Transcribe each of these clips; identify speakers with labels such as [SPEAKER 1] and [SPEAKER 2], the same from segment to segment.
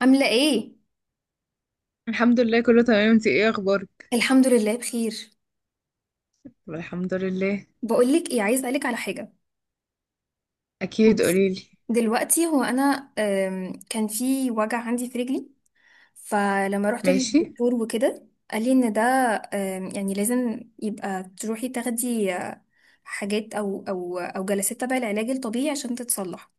[SPEAKER 1] عاملة ايه؟
[SPEAKER 2] الحمد لله، كله تمام. انتي ايه اخبارك؟
[SPEAKER 1] الحمد لله بخير.
[SPEAKER 2] طب الحمد لله.
[SPEAKER 1] بقولك ايه، عايز اسألك على حاجة
[SPEAKER 2] اكيد،
[SPEAKER 1] بس.
[SPEAKER 2] قوليلي.
[SPEAKER 1] دلوقتي هو انا كان في وجع عندي في رجلي. فلما رحت
[SPEAKER 2] ماشي.
[SPEAKER 1] للدكتور وكده قال لي ان ده يعني لازم يبقى تروحي تاخدي حاجات او جلسات تبع العلاج الطبيعي عشان تتصلح.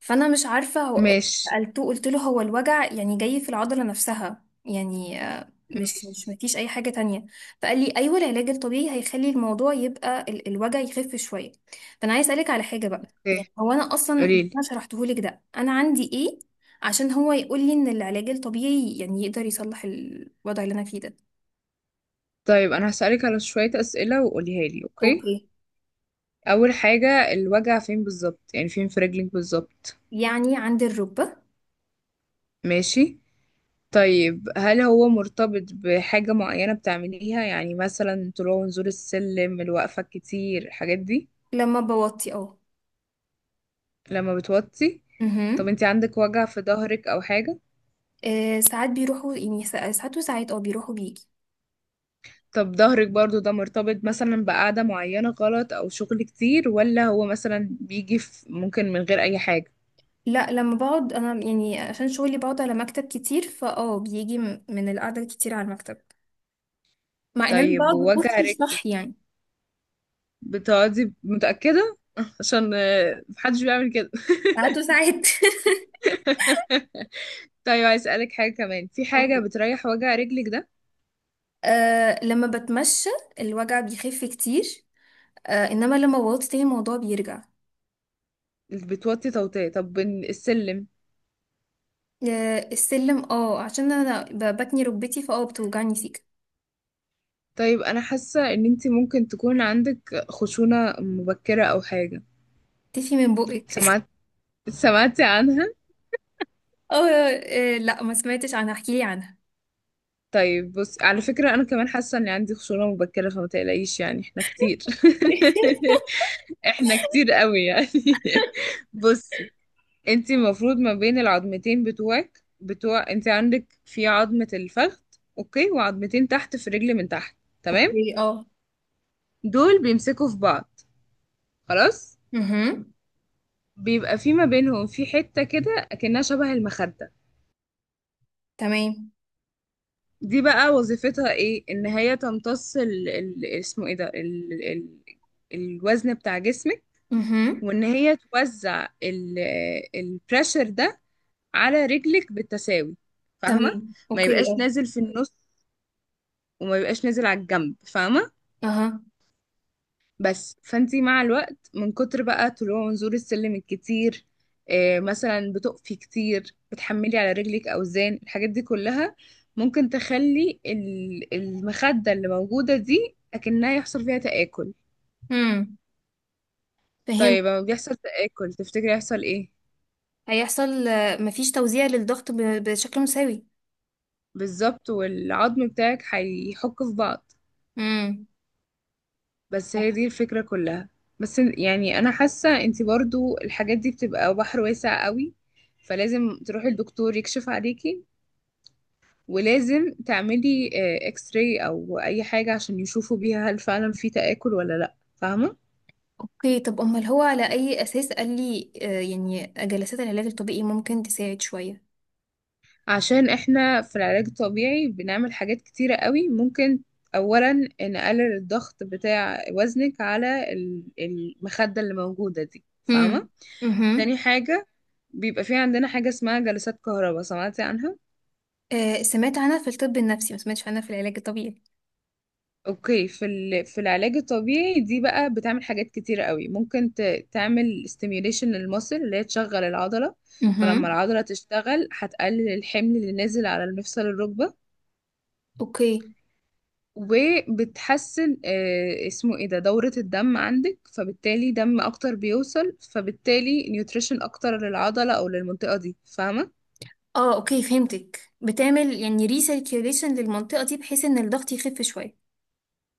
[SPEAKER 1] فانا مش عارفه. هو
[SPEAKER 2] ماشي.
[SPEAKER 1] سالته قلت له، هو الوجع يعني جاي في العضله نفسها؟ يعني مش
[SPEAKER 2] ماشي.
[SPEAKER 1] مفيش اي حاجه تانية؟ فقال لي ايوه، العلاج الطبيعي هيخلي الموضوع يبقى الوجع يخف شويه. فانا عايز اسالك على حاجه بقى. يعني
[SPEAKER 2] اوكي،
[SPEAKER 1] هو انا اصلا،
[SPEAKER 2] قوليلي.
[SPEAKER 1] انا شرحته لك ده، انا عندي ايه؟ عشان هو يقول لي ان العلاج الطبيعي يعني يقدر يصلح الوضع اللي انا فيه ده.
[SPEAKER 2] طيب انا هسألك على شوية اسئلة وقوليها لي، اوكي؟
[SPEAKER 1] اوكي.
[SPEAKER 2] اول حاجة، الوجع فين بالظبط؟ يعني فين في رجلك بالظبط؟
[SPEAKER 1] يعني عندي الركبه.
[SPEAKER 2] ماشي. طيب، هل هو مرتبط بحاجة معينة بتعمليها؟ يعني مثلا طلوع ونزول السلم، الوقفة كتير، الحاجات دي؟
[SPEAKER 1] لما بوطي، اه.
[SPEAKER 2] لما بتوطي؟ طب
[SPEAKER 1] مهم.
[SPEAKER 2] انتي عندك وجع في ظهرك او حاجة؟
[SPEAKER 1] ساعات بيروحوا، يعني ساعات وساعات، اه، بيروحوا بيجي.
[SPEAKER 2] طب ظهرك برضو، ده مرتبط مثلا بقعدة معينة غلط أو شغل كتير، ولا هو مثلا بيجي في، ممكن من غير أي حاجة؟
[SPEAKER 1] لا، لما بقعد انا، يعني عشان شغلي بقعد على مكتب كتير، فاه بيجي من القعده الكتير على المكتب. مع ان انا
[SPEAKER 2] طيب،
[SPEAKER 1] بقعد
[SPEAKER 2] ووجع
[SPEAKER 1] بكرسي
[SPEAKER 2] رجلك؟
[SPEAKER 1] صح يعني.
[SPEAKER 2] بتقعدي متأكدة؟ عشان محدش بيعمل كده.
[SPEAKER 1] ساعات وساعات
[SPEAKER 2] طيب، عايز أسألك حاجة كمان. في حاجة
[SPEAKER 1] اوكي.
[SPEAKER 2] بتريح وجع رجلك ده؟
[SPEAKER 1] آه، لما بتمشى الوجع بيخف كتير. آه، انما لما بقعد تاني الموضوع بيرجع.
[SPEAKER 2] بتوطي توطية. طب السلم؟
[SPEAKER 1] آه، السلم. اه، عشان انا بتني ركبتي، فاه بتوجعني سيكا.
[SPEAKER 2] طيب، أنا حاسة إن أنتي ممكن تكون عندك خشونة مبكرة أو حاجة.
[SPEAKER 1] تفي من بقك
[SPEAKER 2] سمعت؟ سمعتي عنها؟
[SPEAKER 1] اه. لا، ما سمعتش عنها، احكيلي عنها.
[SPEAKER 2] طيب، بص، على فكرة أنا كمان حاسة إن عندي خشونة مبكرة، فما تقلقيش. يعني إحنا كتير. إحنا كتير قوي يعني. بصي، أنت المفروض ما بين العظمتين بتوعك، بتوع أنت عندك، في عظمة الفخذ. أوكي، وعظمتين تحت في رجل من تحت. تمام.
[SPEAKER 1] اوكي، اه.
[SPEAKER 2] دول بيمسكوا في بعض. خلاص.
[SPEAKER 1] اها.
[SPEAKER 2] بيبقى في ما بينهم في حتة كده أكنها شبه المخدة.
[SPEAKER 1] تمام.
[SPEAKER 2] دي بقى وظيفتها إيه؟ إن هي تمتص اسمه إيه ده، الوزن بتاع جسمك.
[SPEAKER 1] اها.
[SPEAKER 2] وان هي توزع البريشر ده على رجلك بالتساوي. فاهمه؟
[SPEAKER 1] تمام،
[SPEAKER 2] ما
[SPEAKER 1] اوكي،
[SPEAKER 2] يبقاش
[SPEAKER 1] اه.
[SPEAKER 2] نازل في النص، وما يبقاش نازل على الجنب، فاهمه؟
[SPEAKER 1] اها.
[SPEAKER 2] بس فانتي مع الوقت، من كتر بقى طلوع ونزول السلم الكتير، مثلا بتقفي كتير، بتحملي على رجلك اوزان، الحاجات دي كلها ممكن تخلي المخده اللي موجوده دي اكنها يحصل فيها تآكل.
[SPEAKER 1] امم فهمت.
[SPEAKER 2] طيب، لما بيحصل تآكل تفتكري يحصل ايه؟
[SPEAKER 1] هيحصل مفيش توزيع للضغط بشكل مساوي.
[SPEAKER 2] بالظبط، والعظم بتاعك هيحك في بعض.
[SPEAKER 1] امم.
[SPEAKER 2] بس هي دي الفكرة كلها. بس يعني انا حاسة انتي برضو الحاجات دي بتبقى بحر واسع قوي. فلازم تروحي الدكتور يكشف عليكي، ولازم تعملي اكس راي او اي حاجة عشان يشوفوا بيها هل فعلا في تآكل ولا لا، فاهمة؟
[SPEAKER 1] اوكي. طب امال هو على اي اساس قال لي يعني جلسات العلاج الطبيعي ممكن تساعد شوية؟
[SPEAKER 2] عشان احنا في العلاج الطبيعي بنعمل حاجات كتيرة قوي. ممكن اولا نقلل الضغط بتاع وزنك على المخدة اللي موجودة دي،
[SPEAKER 1] امم.
[SPEAKER 2] فاهمة؟
[SPEAKER 1] امم.
[SPEAKER 2] تاني حاجة، بيبقى في عندنا حاجة اسمها جلسات كهرباء. سمعتي عنها؟
[SPEAKER 1] سمعت عنها في الطب النفسي، ما سمعتش عنها في العلاج الطبيعي.
[SPEAKER 2] اوكي. في العلاج الطبيعي دي بقى بتعمل حاجات كتيرة قوي، ممكن تعمل stimulation للمصل، اللي هي تشغل العضلة. فلما
[SPEAKER 1] امم.
[SPEAKER 2] العضلة تشتغل هتقلل الحمل اللي نازل على المفصل، الركبة.
[SPEAKER 1] اوكي،
[SPEAKER 2] وبتحسن اسمه ايه ده، دورة الدم عندك. فبالتالي دم اكتر بيوصل، فبالتالي نيوتريشن اكتر للعضلة او للمنطقة دي، فاهمة؟
[SPEAKER 1] اه. اوكي، فهمتك، بتعمل يعني ريسيركيوليشن للمنطقة دي بحيث ان الضغط يخف شوية.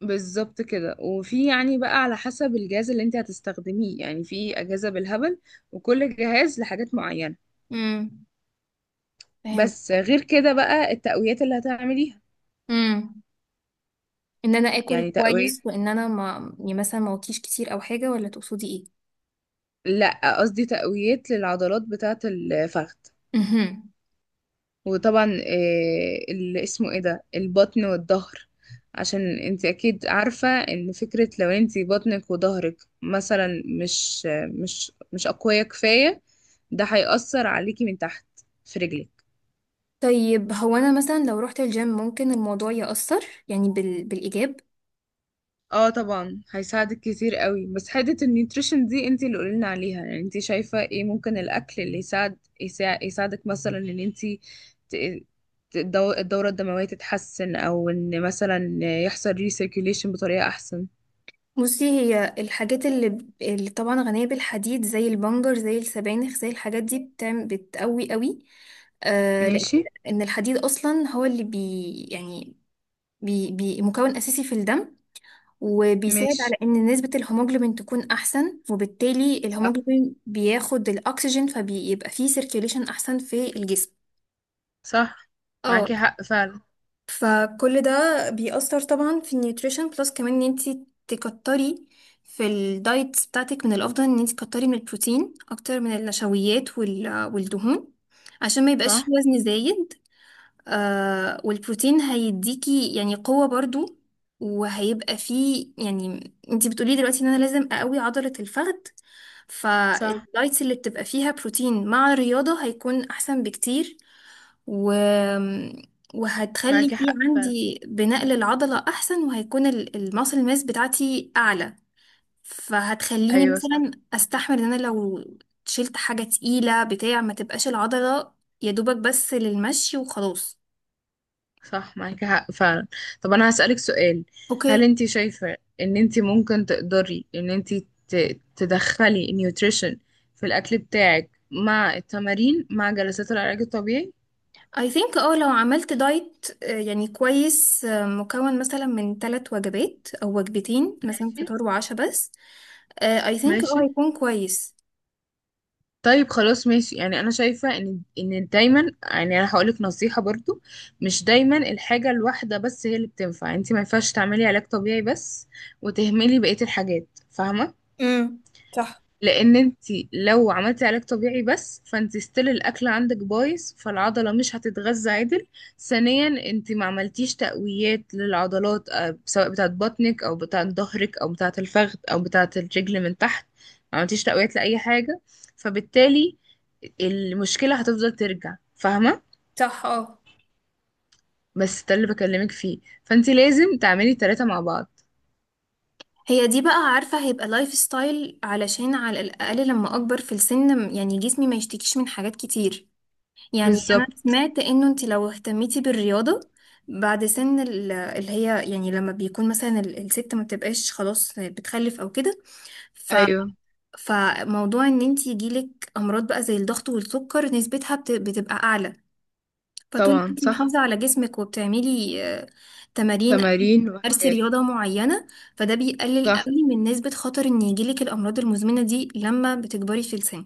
[SPEAKER 2] بالظبط كده. وفي يعني بقى على حسب الجهاز اللي انت هتستخدميه، يعني في اجهزة بالهبل. وكل جهاز لحاجات معينة.
[SPEAKER 1] امم. فهمت.
[SPEAKER 2] بس غير كده بقى التقويات اللي هتعمليها.
[SPEAKER 1] امم ان انا اكل
[SPEAKER 2] يعني تقوية.
[SPEAKER 1] كويس وان انا ما يعني مثلا ما اوطيش كتير او حاجة، ولا تقصدي ايه؟
[SPEAKER 2] لا، قصدي تقويات للعضلات بتاعة الفخذ.
[SPEAKER 1] مهم.
[SPEAKER 2] وطبعا اللي اسمه ايه ده، البطن والظهر. عشان انت اكيد عارفة ان فكرة لو انت بطنك وظهرك مثلا مش مش مش اقوية كفاية، ده هيأثر عليكي من تحت، في رجلك.
[SPEAKER 1] طيب هو انا مثلا لو رحت الجيم ممكن الموضوع يأثر يعني بالايجاب؟
[SPEAKER 2] اه، طبعا هيساعدك كتير قوي. بس حته النيوتريشن دي انت اللي قولنا عليها، يعني انت شايفه ايه ممكن الاكل اللي يساعدك مثلا ان انت ت- الدوره الدمويه تتحسن، او ان مثلا يحصل ريسيركيوليشن بطريقه احسن.
[SPEAKER 1] بصي، هي الحاجات اللي، اللي طبعا غنية بالحديد، زي البنجر، زي السبانخ، زي الحاجات دي، بتعمل بتقوي قوي. لان،
[SPEAKER 2] ماشي.
[SPEAKER 1] إن الحديد اصلا هو اللي بي يعني، بي مكون اساسي في الدم، وبيساعد
[SPEAKER 2] ماشي.
[SPEAKER 1] على ان نسبة الهيموجلوبين تكون احسن، وبالتالي
[SPEAKER 2] صح.
[SPEAKER 1] الهيموجلوبين بياخد الاكسجين، فبيبقى فيه سيركيوليشن احسن في الجسم.
[SPEAKER 2] صح.
[SPEAKER 1] اه.
[SPEAKER 2] معاكي حق فعلا.
[SPEAKER 1] فكل ده بيأثر طبعا في النيوتريشن. بلس كمان ان انتي تكتري في الدايت بتاعتك. من الافضل ان انتي تكتري من البروتين اكتر من النشويات والدهون، عشان ما يبقاش
[SPEAKER 2] صح.
[SPEAKER 1] في وزن زايد. والبروتين هيديكي يعني قوة برضو. وهيبقى فيه، يعني انتي بتقولي دلوقتي ان انا لازم اقوي عضلة الفخذ،
[SPEAKER 2] صح.
[SPEAKER 1] فالدايتس اللي بتبقى فيها بروتين مع الرياضة هيكون احسن بكتير. و... وهتخلي
[SPEAKER 2] معاكي
[SPEAKER 1] في
[SPEAKER 2] حق فعلا.
[SPEAKER 1] عندي بناء للعضلة أحسن، وهيكون الماسل ماس بتاعتي أعلى. فهتخليني
[SPEAKER 2] ايوه، صح.
[SPEAKER 1] مثلا أستحمل إن أنا لو شلت حاجة تقيلة، بتاع ما تبقاش العضلة يا دوبك بس للمشي وخلاص.
[SPEAKER 2] صح. معاكي حق فعلا. طب انا هسألك سؤال. هل
[SPEAKER 1] اوكي.
[SPEAKER 2] انت شايفة ان انت ممكن تقدري ان انت تدخلي النيوتريشن في الاكل بتاعك مع التمارين مع جلسات العلاج الطبيعي؟
[SPEAKER 1] I think لو عملت دايت يعني كويس، مكون مثلا من 3 وجبات او 2 وجبات، مثلا
[SPEAKER 2] ماشي.
[SPEAKER 1] فطار وعشاء بس. I think اه
[SPEAKER 2] ماشي.
[SPEAKER 1] هيكون كويس.
[SPEAKER 2] طيب، خلاص، ماشي. يعني انا شايفة ان دايما، يعني انا هقولك نصيحة برضو. مش دايما الحاجة الواحدة بس هي اللي بتنفع. انت ما ينفعش تعملي علاج طبيعي بس وتهملي بقية الحاجات، فاهمة؟
[SPEAKER 1] امم. صح،
[SPEAKER 2] لان انت لو عملتي علاج طبيعي بس، فانت ستيل الاكل عندك بايظ، فالعضله مش هتتغذى عدل. ثانيا، انت ما عملتيش تقويات للعضلات، سواء بتاعه بطنك او بتاعه ظهرك او بتاعه الفخذ او بتاعه الرجل من تحت. ما عملتيش تقويات لاي حاجه. فبالتالي المشكله هتفضل ترجع، فاهمه؟
[SPEAKER 1] صح، اه.
[SPEAKER 2] بس ده اللي بكلمك فيه. فانت لازم تعملي التلاته مع بعض.
[SPEAKER 1] هي دي بقى، عارفة هيبقى لايف ستايل علشان على الأقل لما أكبر في السن يعني جسمي ما يشتكيش من حاجات كتير. يعني أنا
[SPEAKER 2] بالظبط.
[SPEAKER 1] سمعت إنه أنت لو اهتميتي بالرياضة بعد سن اللي هي يعني لما بيكون مثلا الست ما بتبقاش خلاص بتخلف أو كده، ف
[SPEAKER 2] ايوه.
[SPEAKER 1] فموضوع إن أنت يجيلك أمراض بقى زي الضغط والسكر نسبتها بتبقى أعلى. فطول ما
[SPEAKER 2] طبعا،
[SPEAKER 1] انت
[SPEAKER 2] صح.
[SPEAKER 1] محافظة على جسمك وبتعملي تمارين أو انت
[SPEAKER 2] تمارين
[SPEAKER 1] بتمارسي
[SPEAKER 2] وحاجات.
[SPEAKER 1] رياضة معينة، فده بيقلل
[SPEAKER 2] صح.
[SPEAKER 1] قوي من نسبة خطر ان يجيلك الأمراض المزمنة دي لما بتكبري في السن.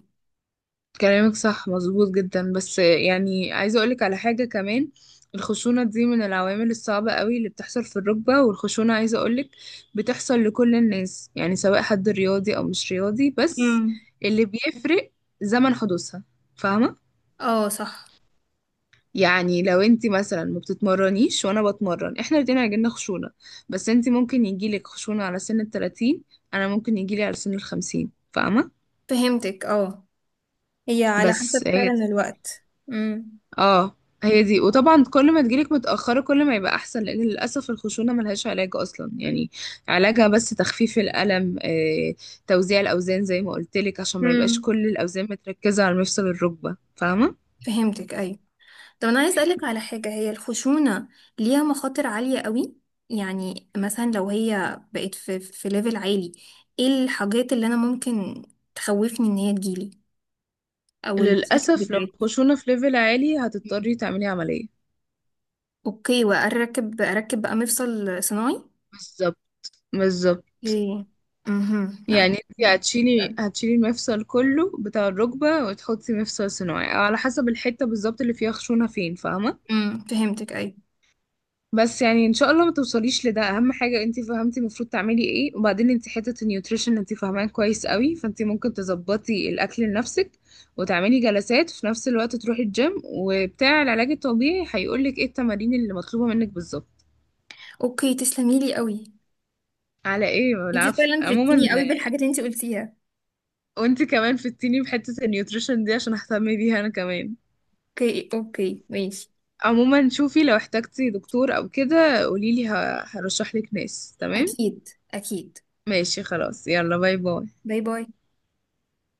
[SPEAKER 2] كلامك صح، مظبوط جدا. بس يعني عايزة أقولك على حاجة كمان. الخشونة دي من العوامل الصعبة قوي اللي بتحصل في الركبة، والخشونة عايزة أقولك بتحصل لكل الناس، يعني سواء حد رياضي أو مش رياضي. بس
[SPEAKER 1] امم.
[SPEAKER 2] اللي بيفرق زمن حدوثها. فاهمة؟
[SPEAKER 1] اه، صح.
[SPEAKER 2] يعني لو انتي مثلا ما بتتمرنيش وانا بتمرن، احنا الاتنين هيجيلنا خشونة. بس انتي ممكن يجيلك خشونة على سن التلاتين، انا ممكن يجيلي على سن الخمسين، فاهمة؟
[SPEAKER 1] فهمتك، اه. هي على
[SPEAKER 2] بس
[SPEAKER 1] حسب
[SPEAKER 2] هي دي
[SPEAKER 1] فعلا
[SPEAKER 2] الفكرة.
[SPEAKER 1] الوقت. امم.
[SPEAKER 2] اه، هي دي. وطبعا كل ما تجيلك متأخرة كل ما يبقى أحسن، لأن للأسف الخشونة ملهاش علاج أصلا يعني. علاجها بس تخفيف الألم، توزيع الأوزان زي ما قلتلك، عشان ما يبقاش
[SPEAKER 1] امم،
[SPEAKER 2] كل الأوزان متركزة على مفصل الركبة، فاهمة؟
[SPEAKER 1] فهمتك، ايوه. طب انا عايز اسالك على حاجه. هي الخشونه ليها مخاطر عاليه قوي؟ يعني مثلا لو هي بقت في ليفل عالي، ايه الحاجات اللي انا ممكن تخوفني ان هي تجيلي، او المشاكل
[SPEAKER 2] للأسف، لو
[SPEAKER 1] بتاعتها؟
[SPEAKER 2] الخشونة في ليفل عالي
[SPEAKER 1] مم.
[SPEAKER 2] هتضطري تعملي عملية.
[SPEAKER 1] اوكي، واركب اركب بقى مفصل صناعي.
[SPEAKER 2] بالظبط. بالظبط.
[SPEAKER 1] ايه. امم، لا.
[SPEAKER 2] يعني انت هتشيلي المفصل كله بتاع الركبة، وتحطي مفصل صناعي، أو على حسب الحتة بالظبط اللي فيها خشونة فين، فاهمة؟
[SPEAKER 1] امم، فهمتك، اي.
[SPEAKER 2] بس يعني ان شاء الله ما توصليش لده. اهم حاجه انت فهمتي المفروض تعملي ايه، وبعدين انت حته النيوتريشن انت فاهماه كويس قوي، فانت ممكن تظبطي الاكل لنفسك وتعملي جلسات في نفس الوقت، تروحي الجيم، وبتاع العلاج الطبيعي هيقولك ايه التمارين اللي مطلوبه منك بالظبط.
[SPEAKER 1] اوكي، تسلمي لي قوي.
[SPEAKER 2] على ايه،
[SPEAKER 1] انت
[SPEAKER 2] العفو.
[SPEAKER 1] فعلا
[SPEAKER 2] عموما،
[SPEAKER 1] فدتيني قوي بالحاجات اللي انت قلتيها.
[SPEAKER 2] وانت كمان فدتيني بحته النيوتريشن دي عشان اهتم بيها انا كمان.
[SPEAKER 1] اوكي، اوكي، ماشي.
[SPEAKER 2] عموما، شوفي لو احتجتي دكتور او كده قوليلي هرشحلك ناس، تمام؟
[SPEAKER 1] اكيد، اكيد.
[SPEAKER 2] ماشي، خلاص، يلا، باي باي.
[SPEAKER 1] باي باي.